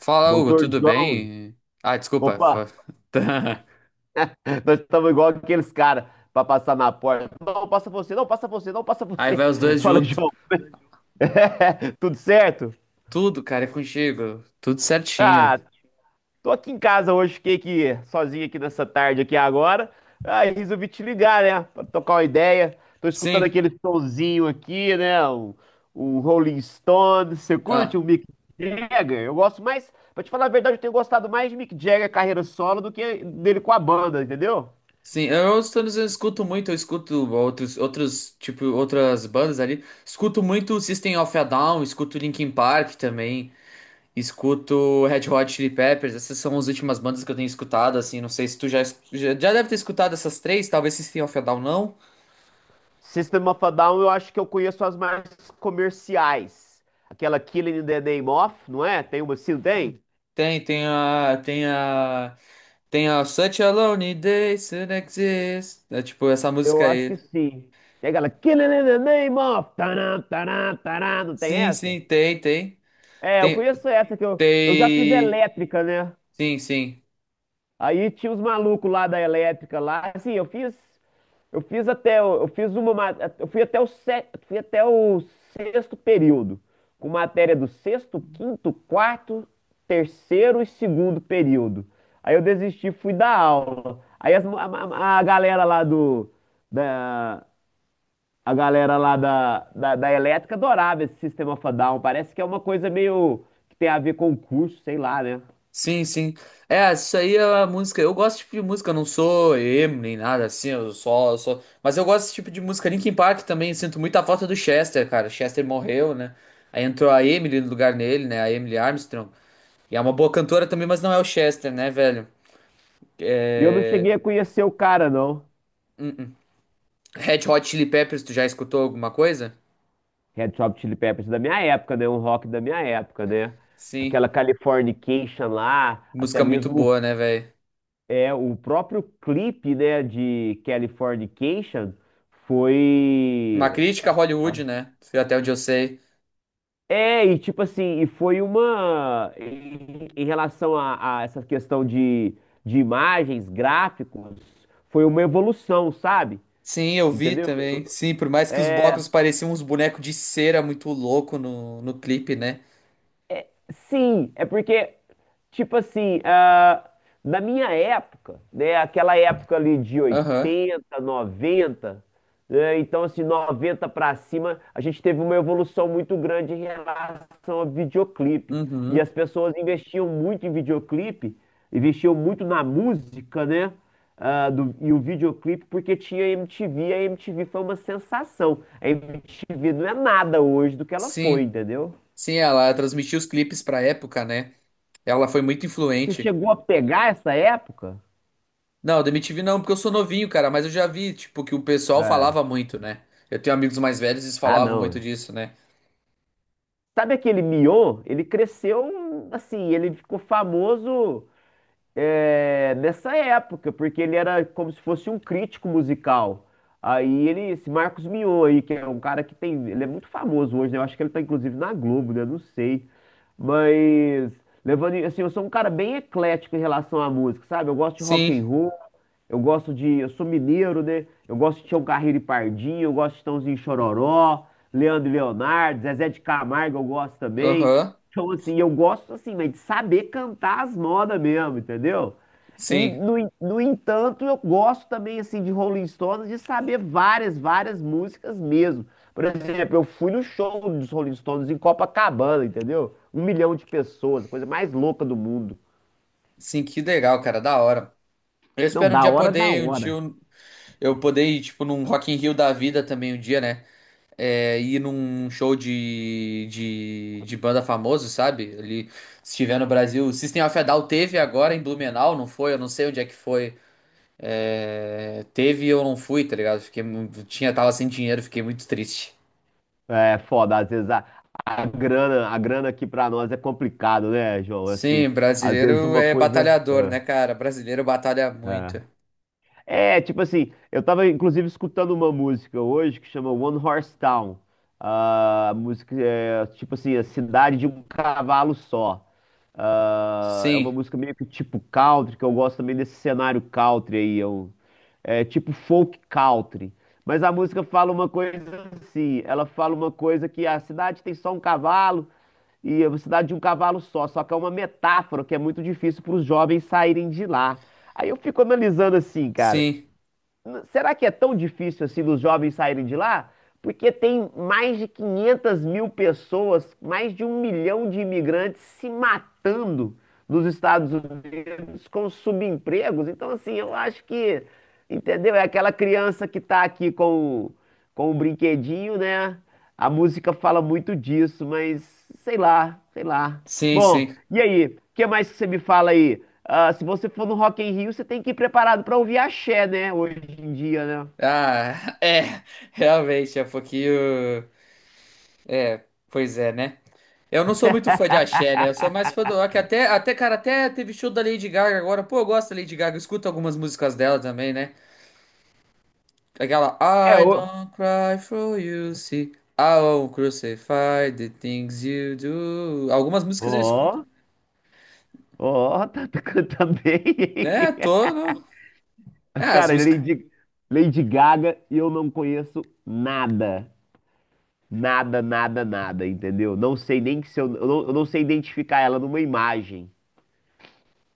Fala, Hugo, Doutor tudo João, bem? Ah, desculpa. opa, Tá. nós estamos igual aqueles caras para passar na porta. Não, passa você, não, passa você, não, passa Aí vai você. os dois Fala, junto. João, é, tudo certo? Tudo, cara, é contigo. Tudo certinho. Ah, tô aqui em casa hoje, fiquei aqui sozinho aqui nessa tarde aqui agora. Aí resolvi te ligar, né, para tocar uma ideia. Tô escutando Sim, aquele sonzinho aqui, né, um Rolling Stones. Você curte ah, o Mick Jagger? Eu gosto mais, pra te falar a verdade, eu tenho gostado mais de Mick Jagger carreira solo do que dele com a banda, entendeu? sim. Eu os dizendo, eu escuto muito, eu escuto outros, tipo, outras bandas ali. Escuto muito System of a Down, escuto Linkin Park também. Escuto Red Hot Chili Peppers. Essas são as últimas bandas que eu tenho escutado, assim. Não sei se tu já, já deve ter escutado essas três, talvez System of a Down não. System of a Down, eu acho que eu conheço as mais comerciais. Aquela Killing in the Name of, não é? Tem uma assim, não tem? Tem, tem a Tem a Such a Lonely Day Soon Exists. É tipo essa Eu música acho que aí. sim. Tem aquela Killing in the Name of, taran, taran, taran, não tem Sim, essa? sim, tem, tem. É, eu Tem, conheço essa que eu já fiz tem. elétrica, né? Sim, sim. Aí tinha os malucos lá da elétrica lá, assim, eu fiz até, eu fiz uma, eu fui até o fui até o sexto período, com matéria do sexto, quinto, quarto, terceiro e segundo período. Aí eu desisti, fui dar aula. Aí as galera lá do, da, a galera lá da elétrica adorava esse sistema of a Down. Parece que é uma coisa meio que tem a ver com o curso, sei lá, né? Sim, sim. É, isso aí é a música. Eu gosto desse tipo de música, eu não sou emo nem nada assim, eu só. Mas eu gosto desse tipo de música. Linkin Park também, sinto muita falta do Chester, cara. Chester morreu, né? Aí entrou a Emily no lugar dele, né? A Emily Armstrong. E é uma boa cantora também, mas não é o Chester, né, velho? E eu não É... cheguei a conhecer o cara, não. Red Hot Chili Peppers, tu já escutou alguma coisa? Red Hot Chili Peppers da minha época, né? Um rock da minha época, né? Sim. Aquela Californication lá, até Música muito mesmo boa, né, velho? é, o próprio clipe, né, de Californication Uma foi... crítica a Hollywood, né? Foi até onde eu sei. É, e tipo assim, e foi uma... Em relação a essa questão de imagens, gráficos, foi uma evolução, sabe? Sim, eu vi Entendeu? também. Sim, por mais que os blocos É, pareciam uns bonecos de cera muito louco no clipe, né? sim, é porque, tipo assim, na minha época, né, aquela época ali de Aham. oitenta, 90, né, então assim, 90 pra cima, a gente teve uma evolução muito grande em relação ao videoclipe. E Uhum. as pessoas investiam muito em videoclipe, investiam muito na música, né? E o videoclipe, porque tinha MTV, a MTV foi uma sensação. A MTV não é nada hoje do que ela foi, Sim. entendeu? Sim, ela transmitiu os clipes pra época, né? Ela foi muito Você influente. chegou a pegar essa época? Não, da MTV não, porque eu sou novinho, cara, mas eu já vi, tipo, que o pessoal É. falava muito, né? Eu tenho amigos mais velhos e eles Ah, falavam muito não. disso, né? Sabe aquele Mion? Ele cresceu assim, ele ficou famoso é, nessa época, porque ele era como se fosse um crítico musical. Aí ele, esse Marcos Mion aí, que é um cara que tem, ele é muito famoso hoje, né? Eu acho que ele tá inclusive na Globo, né? Não sei. Mas levando, assim, eu sou um cara bem eclético em relação à música, sabe? Eu gosto de rock Sim. and roll. Eu gosto de. Eu sou mineiro, né? Eu gosto de Tião Carreiro e Pardinho, eu gosto de Chitãozinho e Chororó, Leandro e Leonardo, Zezé de Camargo, eu gosto também. Aham. Então, assim, eu gosto, assim, mas de saber cantar as modas mesmo, entendeu? E, Sim. No entanto, eu gosto também, assim, de Rolling Stones, de saber várias, várias músicas mesmo. Por exemplo, eu fui no show dos Rolling Stones em Copacabana, entendeu? Um milhão de pessoas, a coisa mais louca do mundo. Sim, que legal, cara, da hora. Eu Não, espero um da dia hora, da poder ir um hora. tio. Eu poder ir, tipo, num Rock in Rio da vida também um dia, né? É, ir num show de banda famoso, sabe? Ali, se estiver no Brasil. System of a Down teve agora em Blumenau, não foi? Eu não sei onde é que foi. É, teve e eu não fui, tá ligado? Fiquei, tinha, tava sem dinheiro, fiquei muito triste. É foda, às vezes a grana aqui pra nós é complicado, né, João? Assim, Sim, às vezes brasileiro uma é coisa. batalhador, né, cara? Brasileiro batalha É, muito. é. É, tipo assim, eu tava inclusive escutando uma música hoje que chama One Horse Town. Ah, a música é tipo assim, a cidade de um cavalo só. Ah, é uma Sim, música meio que tipo country, que eu gosto também desse cenário country aí. Eu, é tipo folk country. Mas a música fala uma coisa assim, ela fala uma coisa que a cidade tem só um cavalo e a cidade de um cavalo só, só que é uma metáfora que é muito difícil para os jovens saírem de lá. Aí eu fico analisando assim, cara, sim, será que é tão difícil assim dos jovens saírem de lá? Porque tem mais de 500 mil pessoas, mais de um milhão de imigrantes se matando nos Estados com subempregos. Então, assim, eu acho que, entendeu? É aquela criança que tá aqui com o brinquedinho, né? A música fala muito disso, mas sei lá, sei lá. sim, Bom, sim. e aí? O que mais que você me fala aí? Ah, se você for no Rock in Rio, você tem que ir preparado pra ouvir axé, né? Hoje em dia, né? Ah, é, realmente, é um pouquinho. Pois é, né? Eu não sou muito fã de axé, né? Eu sou mais fã do rock. Até, cara, até teve show da Lady Gaga agora. Pô, eu gosto da Lady Gaga. Eu escuto algumas músicas dela também, né? Aquela É, I o... don't cry for you, see. I won't crucify the things you do. Algumas músicas eu escuto. Ó, ó, tá cantando bem. É, tô. É, as Cara, músicas. Lady Gaga, eu não conheço nada. Nada, nada, nada, entendeu? Não sei nem que se eu, eu não sei identificar ela numa imagem,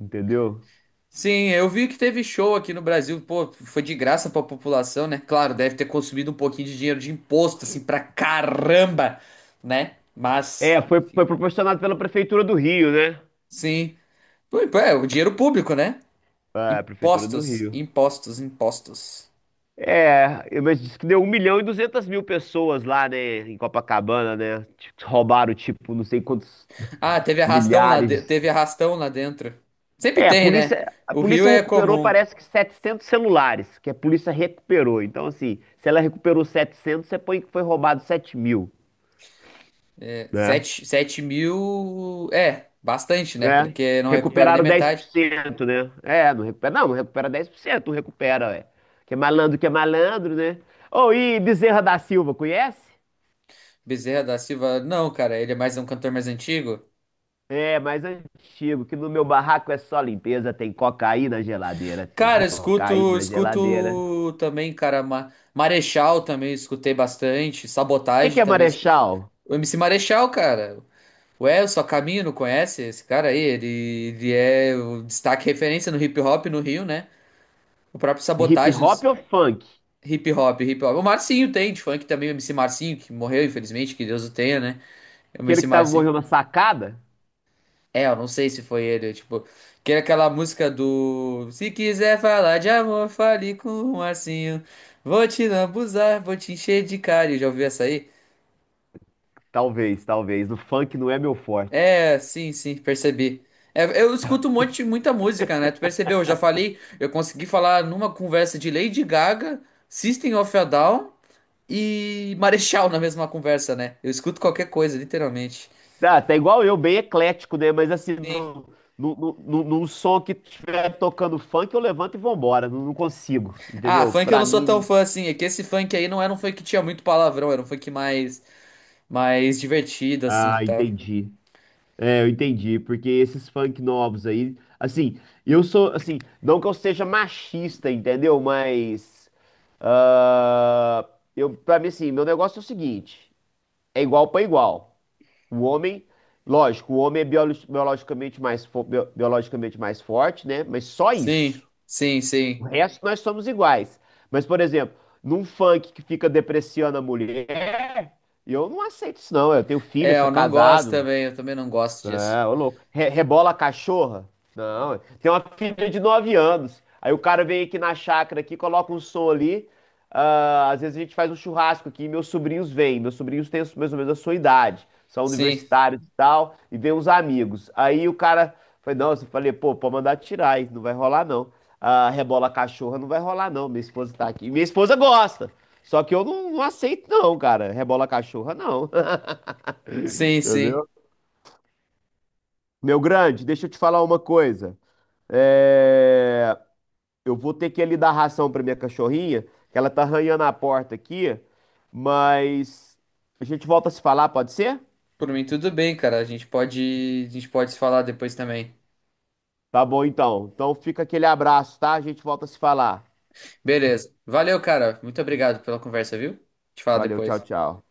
entendeu? Sim, eu vi que teve show aqui no Brasil. Pô, foi de graça pra população, né? Claro, deve ter consumido um pouquinho de dinheiro de imposto, assim, pra caramba, né? Mas, É, foi, foi enfim. proporcionado pela Prefeitura do Rio, né? Sim. Ui, pô, é, o dinheiro público, né? Ah, Prefeitura do Impostos, Rio. impostos, impostos. É, mas disse que deu um milhão e 200 mil pessoas lá, né, em Copacabana, né? Tipo, roubaram, tipo, não sei quantos Ah, teve arrastão lá, milhares. teve arrastão lá dentro. Sempre É, tem, né? A O Rio polícia é recuperou, comum. parece que 700 celulares, que a polícia recuperou. Então, assim, se ela recuperou 700 você põe que foi roubado 7 mil, É, né? sete, sete mil é bastante, né? Né? Porque não recupera nem Recuperaram dez por metade. cento, né? É, não recupera, não, não recupera 10%, não recupera, ué. Que é malandro, né? Ô, e Bezerra da Silva, conhece? Bezerra da Silva, não, cara, ele é mais um cantor mais antigo. É, mais antigo, que no meu barraco é só limpeza, tem cocaína na geladeira, tem Cara, eu escuto, cocaína na geladeira. escuto também, cara, Marechal também escutei bastante, O que Sabotagem que é também. Marechal? O MC Marechal, cara, ué, o Caminho, não conhece esse cara aí? Ele é o destaque referência no hip hop no Rio, né? O próprio Hip Sabotagem no hop s- ou funk? Hip hop, hip hop. O Marcinho tem, de funk também, o MC Marcinho, que morreu, infelizmente, que Deus o tenha, né? É o Aquele MC que tava Marcinho. morrendo na sacada? É, eu não sei se foi ele, tipo, que era aquela música do Se quiser falar de amor, fale com o Marcinho. Vou te lambuzar, vou te encher de carinho. Já ouviu essa aí? Talvez, talvez. O funk não é meu forte. É, sim, sim, percebi. É, eu escuto um monte, muita música, né? Tu percebeu? Eu já falei, eu consegui falar numa conversa de Lady Gaga, System of a Down e Marechal na mesma conversa, né? Eu escuto qualquer coisa, literalmente. Ah, tá igual eu, bem eclético, né? Mas assim, Sim. Num som que estiver tocando funk, eu levanto e vambora. Não, não consigo, Ah, entendeu? funk eu Pra não sou tão mim. fã assim. É que esse funk aí não era um funk que tinha muito palavrão, era um funk mais, mais divertido, assim, Ah, tá? entendi. É, eu entendi, porque esses funk novos aí, assim, eu sou, assim, não que eu seja machista, entendeu? Mas, ah, eu, pra mim, assim, meu negócio é o seguinte, é igual pra igual. O homem, lógico, o homem é biologicamente mais, biologicamente mais forte, né? Mas só Sim, isso. sim, O sim. resto nós somos iguais. Mas, por exemplo, num funk que fica depreciando a mulher, eu não aceito isso, não. Eu tenho filho, eu É, sou eu não gosto casado, também, eu também não gosto disso. é, ô louco. Rebola a cachorra? Não, tem uma filha de 9 anos. Aí o cara vem aqui na chácara aqui, coloca um som ali. Ah, às vezes a gente faz um churrasco aqui, e meus sobrinhos vêm. Meus sobrinhos têm mais ou menos a sua idade, são Sim, universitários e tal, e vêm uns amigos. Aí o cara foi, nossa, eu falei, pô, pode mandar tirar, aí não vai rolar não. Ah, rebola a cachorra não vai rolar não. Minha esposa tá aqui. Minha esposa gosta. Só que eu não, não aceito não, cara. Rebola a cachorra não. sim, sim. Entendeu? Meu grande, deixa eu te falar uma coisa. É, eu vou ter que ali dar ração pra minha cachorrinha, que ela tá arranhando a porta aqui, mas a gente volta a se falar, pode ser? Por mim, tudo bem, cara. A gente pode se falar depois também. Tá bom então. Então fica aquele abraço, tá? A gente volta a se falar. Beleza. Valeu, cara. Muito obrigado pela conversa, viu? Te falo Valeu, tchau, depois. tchau.